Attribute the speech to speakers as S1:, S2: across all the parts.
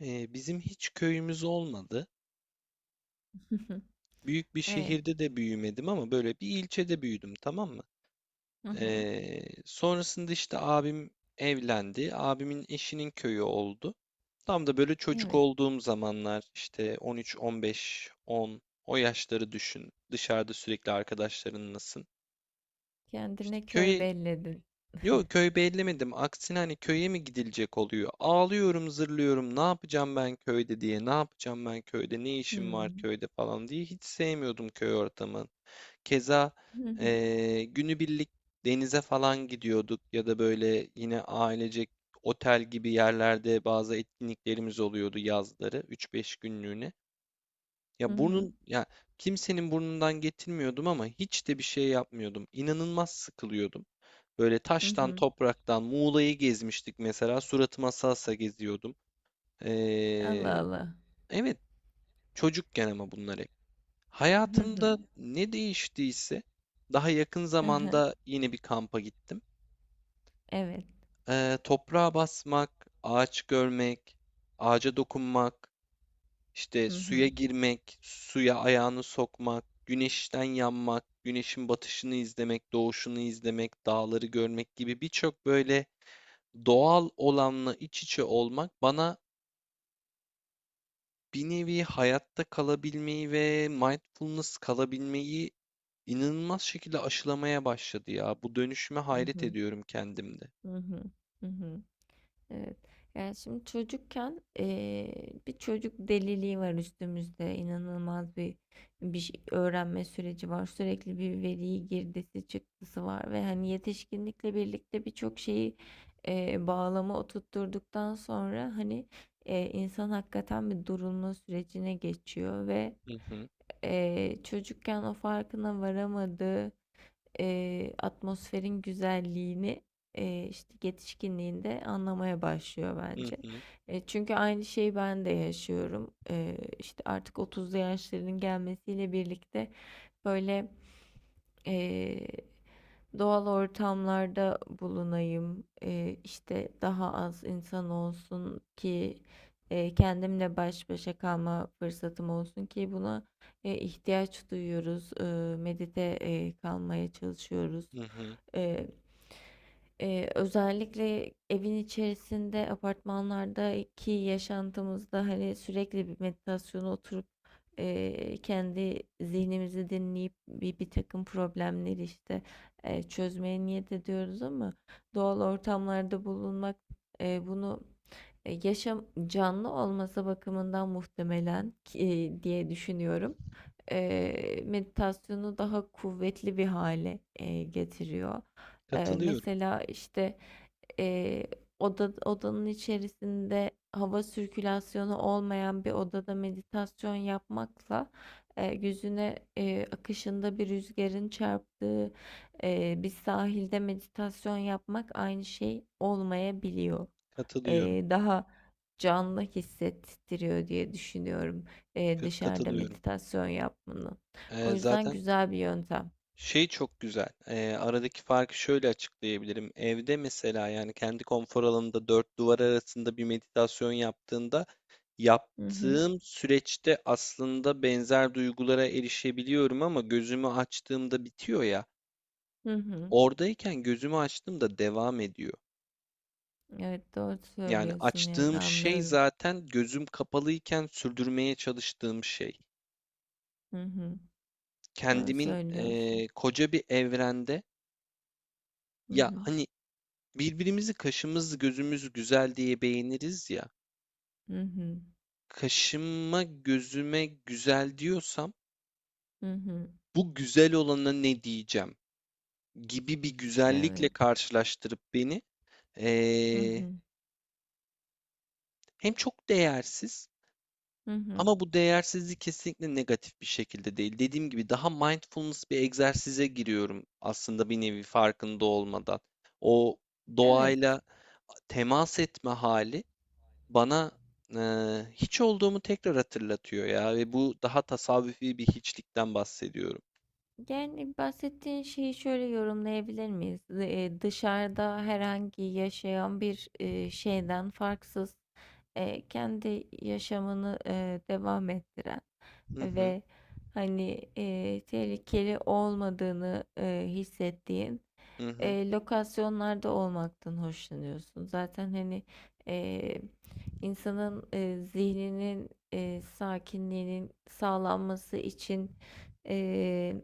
S1: Bizim hiç köyümüz olmadı.
S2: Hı hı.
S1: Büyük bir
S2: E,
S1: şehirde de büyümedim ama böyle bir ilçede büyüdüm, tamam mı?
S2: hı hı.
S1: Sonrasında işte abim evlendi. Abimin eşinin köyü oldu. Tam da böyle çocuk
S2: Evet,
S1: olduğum zamanlar işte 13, 15, 10 o yaşları düşün. Dışarıda sürekli arkadaşlarınlasın. İşte
S2: kendine köy
S1: köye
S2: belledin.
S1: Yok, köy bellemedim. Aksine hani köye mi gidilecek oluyor? Ağlıyorum, zırlıyorum. Ne yapacağım ben köyde diye. Ne yapacağım ben köyde? Ne işim var
S2: Hmm.
S1: köyde falan diye. Hiç sevmiyordum köy ortamını. Keza
S2: Hı hı.
S1: günübirlik denize falan gidiyorduk ya da böyle yine ailecek otel gibi yerlerde bazı etkinliklerimiz oluyordu yazları 3-5 günlüğüne.
S2: Hı
S1: Ya
S2: hı.
S1: burnun ya Kimsenin burnundan getirmiyordum ama hiç de bir şey yapmıyordum. İnanılmaz sıkılıyordum. Böyle
S2: Hı
S1: taştan,
S2: hı.
S1: topraktan, Muğla'yı gezmiştik mesela. Suratıma salsa geziyordum.
S2: Allah
S1: Ee,
S2: Allah.
S1: evet, çocukken ama bunlar hep.
S2: Hı
S1: Hayatımda
S2: hı.
S1: ne değiştiyse daha yakın
S2: Hı hı.
S1: zamanda yine bir kampa gittim.
S2: Evet.
S1: Toprağa basmak, ağaç görmek, ağaca dokunmak, işte
S2: Hı
S1: suya
S2: hı.
S1: girmek, suya ayağını sokmak, güneşten yanmak, güneşin batışını izlemek, doğuşunu izlemek, dağları görmek gibi birçok böyle. Doğal olanla iç içe olmak bana bir nevi hayatta kalabilmeyi ve mindfulness kalabilmeyi inanılmaz şekilde aşılamaya başladı ya. Bu dönüşüme
S2: Hı
S1: hayret
S2: hı.
S1: ediyorum kendimde.
S2: Hı hı. Hı hı. Evet. Yani şimdi çocukken bir çocuk deliliği var üstümüzde. İnanılmaz bir öğrenme süreci var. Sürekli bir veriyi girdisi çıktısı var ve hani yetişkinlikle birlikte birçok şeyi bağlama oturtturduktan sonra insan hakikaten bir durulma sürecine geçiyor ve
S1: Hı hı,
S2: çocukken o farkına varamadığı atmosferin güzelliğini işte yetişkinliğinde anlamaya başlıyor
S1: hı
S2: bence.
S1: hı,
S2: Çünkü aynı şeyi ben de yaşıyorum. İşte artık 30'lu yaşlarının gelmesiyle birlikte böyle eee, doğal ortamlarda bulunayım, işte daha az insan olsun ki kendimle baş başa kalma fırsatım olsun ki buna ihtiyaç duyuyoruz. Medite kalmaya çalışıyoruz.
S1: hı hı.
S2: E, Özellikle evin içerisinde, apartmanlardaki yaşantımızda hani sürekli bir meditasyona oturup kendi zihnimizi dinleyip bir takım problemleri işte çözmeye niyet ediyoruz ama doğal ortamlarda bulunmak bunu yaşam canlı olması bakımından muhtemelen diye düşünüyorum meditasyonu daha kuvvetli bir hale getiriyor.
S1: Katılıyorum,
S2: Mesela işte eee, odanın içerisinde hava sirkülasyonu olmayan bir odada meditasyon yapmakla yüzüne akışında bir rüzgarın çarptığı bir sahilde meditasyon yapmak aynı şey olmayabiliyor,
S1: katılıyorum,
S2: daha canlı hissettiriyor diye düşünüyorum dışarıda
S1: katılıyorum.
S2: meditasyon yapmanın. O yüzden
S1: Zaten
S2: güzel bir yöntem.
S1: Şey çok güzel. Aradaki farkı şöyle açıklayabilirim. Evde mesela yani kendi konfor alanında dört duvar arasında bir meditasyon yaptığında
S2: Hı hı.
S1: yaptığım süreçte aslında benzer duygulara erişebiliyorum ama gözümü açtığımda bitiyor ya.
S2: Hı hı.
S1: Oradayken gözümü açtığımda devam ediyor.
S2: Evet, doğru
S1: Yani
S2: söylüyorsun, yani
S1: açtığım şey
S2: anlıyorum.
S1: zaten gözüm kapalıyken sürdürmeye çalıştığım şey.
S2: Hı hı. Doğru
S1: Kendimin
S2: söylüyorsun.
S1: koca bir evrende
S2: Hı
S1: ya
S2: hı.
S1: hani. Birbirimizi kaşımız gözümüz güzel diye beğeniriz ya.
S2: Hı hı.
S1: Kaşıma gözüme güzel diyorsam
S2: Hı hı.
S1: bu güzel olana ne diyeceğim gibi bir güzellikle
S2: Evet.
S1: karşılaştırıp beni
S2: Hı
S1: eee,
S2: hı.
S1: hem çok değersiz,
S2: Hı hı.
S1: ama bu değersizlik kesinlikle negatif bir şekilde değil. Dediğim gibi daha mindfulness bir egzersize giriyorum aslında bir nevi farkında olmadan. O
S2: Evet.
S1: doğayla temas etme hali bana hiç olduğumu tekrar hatırlatıyor ya ve bu daha tasavvufi bir hiçlikten bahsediyorum.
S2: Yani bahsettiğin şeyi şöyle yorumlayabilir miyiz? Dışarıda herhangi yaşayan bir şeyden farksız, kendi yaşamını devam ettiren
S1: Hı hı,
S2: ve tehlikeli olmadığını hissettiğin
S1: hı hı,
S2: lokasyonlarda olmaktan hoşlanıyorsun. Zaten eee, insanın zihninin sakinliğinin sağlanması için e,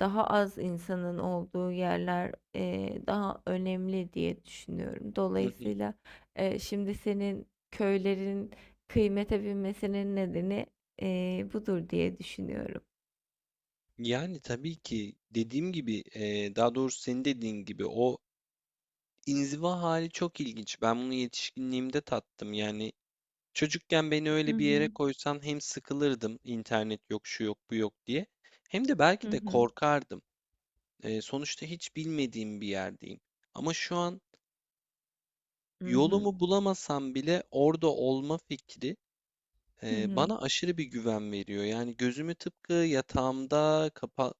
S2: daha az insanın olduğu yerler daha önemli diye düşünüyorum.
S1: hı hı.
S2: Dolayısıyla şimdi senin köylerin kıymete binmesinin nedeni budur diye düşünüyorum.
S1: Yani tabii ki dediğim gibi daha doğrusu senin dediğin gibi o inziva hali çok ilginç. Ben bunu yetişkinliğimde tattım. Yani çocukken beni
S2: Hı
S1: öyle bir yere
S2: hı.
S1: koysan hem sıkılırdım internet yok şu yok bu yok diye hem de
S2: Hı
S1: belki de
S2: hı.
S1: korkardım. Sonuçta hiç bilmediğim bir yerdeyim. Ama şu an
S2: Hı hı.
S1: yolumu bulamasam bile orada olma fikri
S2: Hı hı.
S1: bana aşırı bir güven veriyor. Yani gözümü tıpkı yatağımda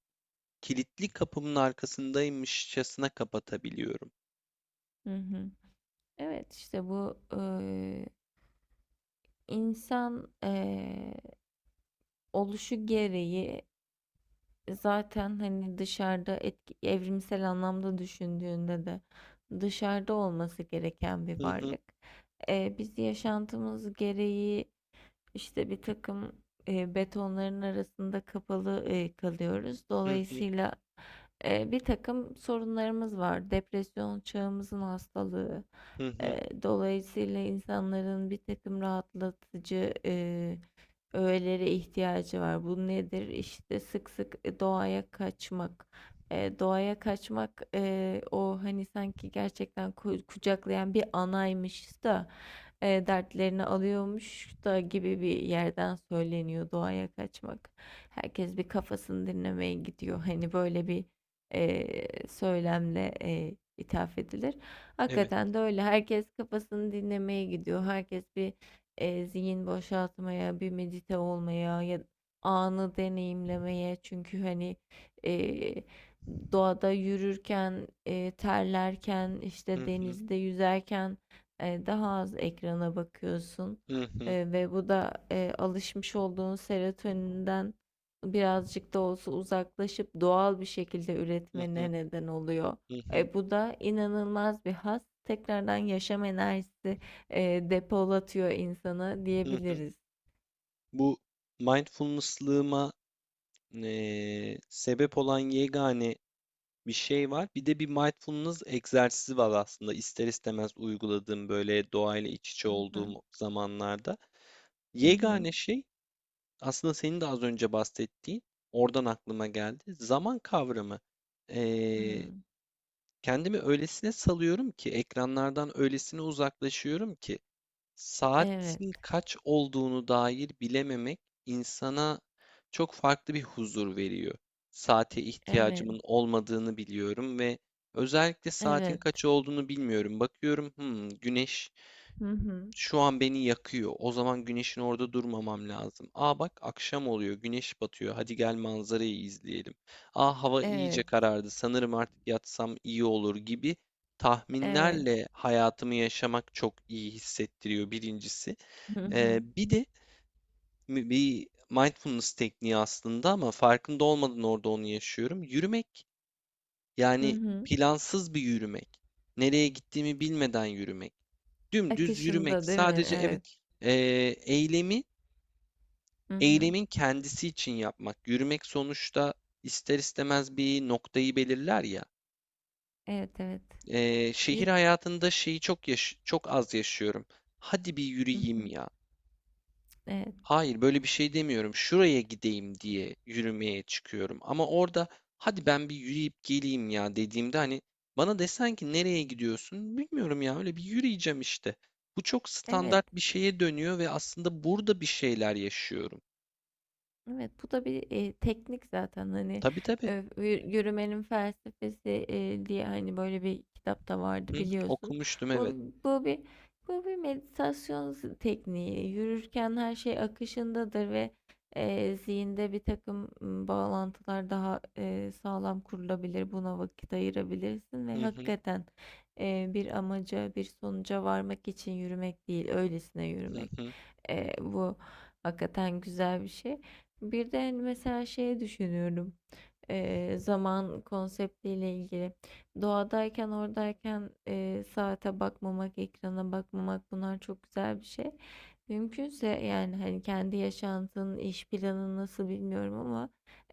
S1: kilitli kapımın arkasındaymışçasına kapatabiliyorum.
S2: Hı hı. Evet, işte bu, insan oluşu gereği zaten hani dışarıda etki, evrimsel anlamda düşündüğünde de dışarıda olması gereken bir
S1: Hı hı,
S2: varlık. Biz yaşantımız gereği işte bir takım betonların arasında kapalı kalıyoruz.
S1: hı hı,
S2: Dolayısıyla bir takım sorunlarımız var. Depresyon çağımızın hastalığı.
S1: hı hı.
S2: Dolayısıyla insanların bir takım rahatlatıcı öğelere ihtiyacı var. Bu nedir? İşte sık sık doğaya kaçmak. Doğaya kaçmak, o hani sanki gerçekten kucaklayan bir anaymış da dertlerini alıyormuş da gibi bir yerden söyleniyor doğaya kaçmak. Herkes bir kafasını dinlemeye gidiyor. Hani böyle bir söylemle ithaf edilir.
S1: Evet.
S2: Hakikaten de öyle. Herkes kafasını dinlemeye gidiyor. Herkes bir zihin boşaltmaya, bir medite olmaya ya anı deneyimlemeye. Çünkü hani e, doğada yürürken, terlerken,
S1: Hı
S2: işte
S1: hı,
S2: denizde yüzerken daha az ekrana bakıyorsun.
S1: hı hı,
S2: Ve bu da alışmış olduğun serotoninden birazcık da olsa uzaklaşıp doğal bir şekilde
S1: hı hı,
S2: üretmene neden oluyor.
S1: hı hı,
S2: Bu da inanılmaz bir haz. Tekrardan yaşam enerjisi depolatıyor insanı
S1: hı hı.
S2: diyebiliriz.
S1: Bu mindfulness'lığıma sebep olan yegane bir şey var. Bir de bir mindfulness egzersizi var aslında ister istemez uyguladığım böyle doğayla iç içe
S2: Hı
S1: olduğum zamanlarda.
S2: hı hı.
S1: Yegane şey aslında senin de az önce bahsettiğin oradan aklıma geldi. Zaman kavramı. Ee,
S2: Hı.
S1: Kendimi öylesine salıyorum ki ekranlardan öylesine uzaklaşıyorum ki
S2: Evet,
S1: saatin kaç olduğunu dair bilememek insana çok farklı bir huzur veriyor. Saate
S2: evet,
S1: ihtiyacımın olmadığını biliyorum ve özellikle saatin
S2: evet.
S1: kaç olduğunu bilmiyorum. Bakıyorum, güneş
S2: Hı hı.
S1: şu an beni yakıyor. O zaman güneşin orada durmamam lazım. Aa bak, akşam oluyor, güneş batıyor. Hadi gel manzarayı izleyelim. Aa hava iyice
S2: Evet,
S1: karardı. Sanırım artık yatsam iyi olur gibi
S2: evet.
S1: tahminlerle hayatımı yaşamak çok iyi hissettiriyor birincisi.
S2: Hı hı.
S1: Bir de bir mindfulness tekniği aslında ama farkında olmadan orada onu yaşıyorum. Yürümek
S2: Hı
S1: yani
S2: hı.
S1: plansız bir yürümek. Nereye gittiğimi bilmeden yürümek. Dümdüz yürümek.
S2: Akışında değil mi?
S1: Sadece
S2: Evet.
S1: evet, eylemi
S2: Hı hı.
S1: eylemin kendisi için yapmak. Yürümek sonuçta ister istemez bir noktayı belirler ya.
S2: Evet, evet.
S1: Şehir
S2: Yürü.
S1: hayatında şeyi çok az yaşıyorum. Hadi bir
S2: Hı hı.
S1: yürüyeyim ya.
S2: Evet.
S1: Hayır, böyle bir şey demiyorum. Şuraya gideyim diye yürümeye çıkıyorum. Ama orada hadi ben bir yürüyüp geleyim ya dediğimde hani bana desen ki nereye gidiyorsun? Bilmiyorum ya, öyle bir yürüyeceğim işte. Bu çok
S2: Evet.
S1: standart bir şeye dönüyor ve aslında burada bir şeyler yaşıyorum.
S2: Evet, bu da bir, teknik zaten,
S1: Tabii tabii.
S2: yü yürümenin felsefesi, diye, hani, böyle bir kitap da vardı
S1: Hı hı,
S2: biliyorsun.
S1: okumuştum,
S2: Bu
S1: evet.
S2: bu bir bu bir meditasyon tekniği. Yürürken her şey akışındadır ve, zihinde bir takım bağlantılar daha, sağlam kurulabilir. Buna vakit ayırabilirsin ve
S1: Hı hı,
S2: hakikaten bir amaca, bir sonuca varmak için yürümek değil, öylesine
S1: hı
S2: yürümek.
S1: hı,
S2: Bu hakikaten güzel bir şey. Bir de mesela şey düşünüyorum, zaman konseptiyle ilgili. Doğadayken, oradayken saate bakmamak, ekrana bakmamak bunlar çok güzel bir şey. Mümkünse yani hani kendi yaşantının iş planı nasıl bilmiyorum ama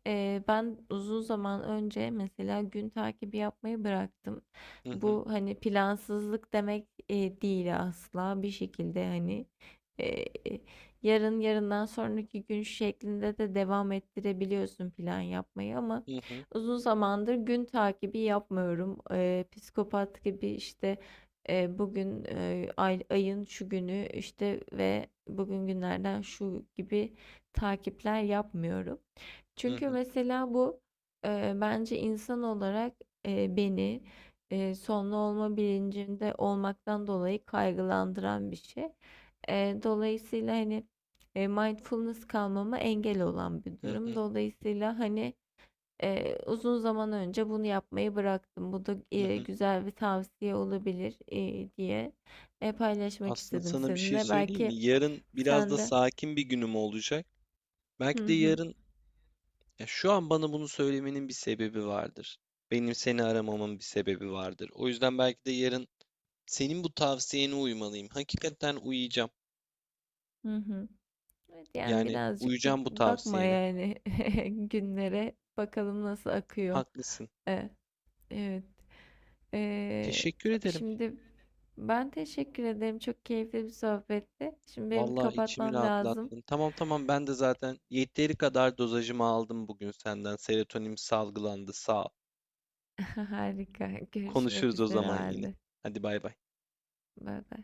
S2: ben uzun zaman önce mesela gün takibi yapmayı bıraktım.
S1: hı hı,
S2: Bu hani plansızlık demek değil asla, bir şekilde hani yarın, yarından sonraki gün şeklinde de devam ettirebiliyorsun plan yapmayı ama
S1: hı hı,
S2: uzun zamandır gün takibi yapmıyorum. Psikopat gibi işte bugün ayın şu günü işte ve bugün günlerden şu gibi takipler yapmıyorum.
S1: hı
S2: Çünkü
S1: hı,
S2: mesela bu bence insan olarak beni sonlu olma bilincinde olmaktan dolayı kaygılandıran bir şey. Dolayısıyla hani mindfulness kalmama engel olan bir
S1: hı
S2: durum.
S1: hı,
S2: Dolayısıyla hani uzun zaman önce bunu yapmayı bıraktım. Bu da
S1: hı hı.
S2: güzel bir tavsiye olabilir diye paylaşmak
S1: Aslında
S2: istedim
S1: sana bir şey
S2: seninle.
S1: söyleyeyim mi?
S2: Belki
S1: Yarın biraz
S2: sen
S1: da
S2: de
S1: sakin bir günüm olacak.
S2: hı
S1: Belki de
S2: hı
S1: yarın Ya şu an bana bunu söylemenin bir sebebi vardır. Benim seni aramamın bir sebebi vardır. O yüzden belki de yarın senin bu tavsiyene uymalıyım. Hakikaten uyuyacağım.
S2: hı hı. Evet, yani
S1: Yani
S2: birazcık bir
S1: uyuyacağım bu
S2: bakma
S1: tavsiyene.
S2: yani günlere bakalım nasıl akıyor.
S1: Haklısın.
S2: E, evet. E,
S1: Teşekkür ederim.
S2: Şimdi ben teşekkür ederim. Çok keyifli bir sohbetti. Şimdi benim bir
S1: Vallahi içimi
S2: kapatmam lazım.
S1: rahatlattın. Tamam tamam, ben de zaten yeteri kadar dozajımı aldım bugün senden. Serotonin salgılandı. Sağ ol.
S2: Harika. Görüşmek
S1: Konuşuruz o
S2: üzere o
S1: zaman yine.
S2: halde.
S1: Hadi bay bay.
S2: Bay bay.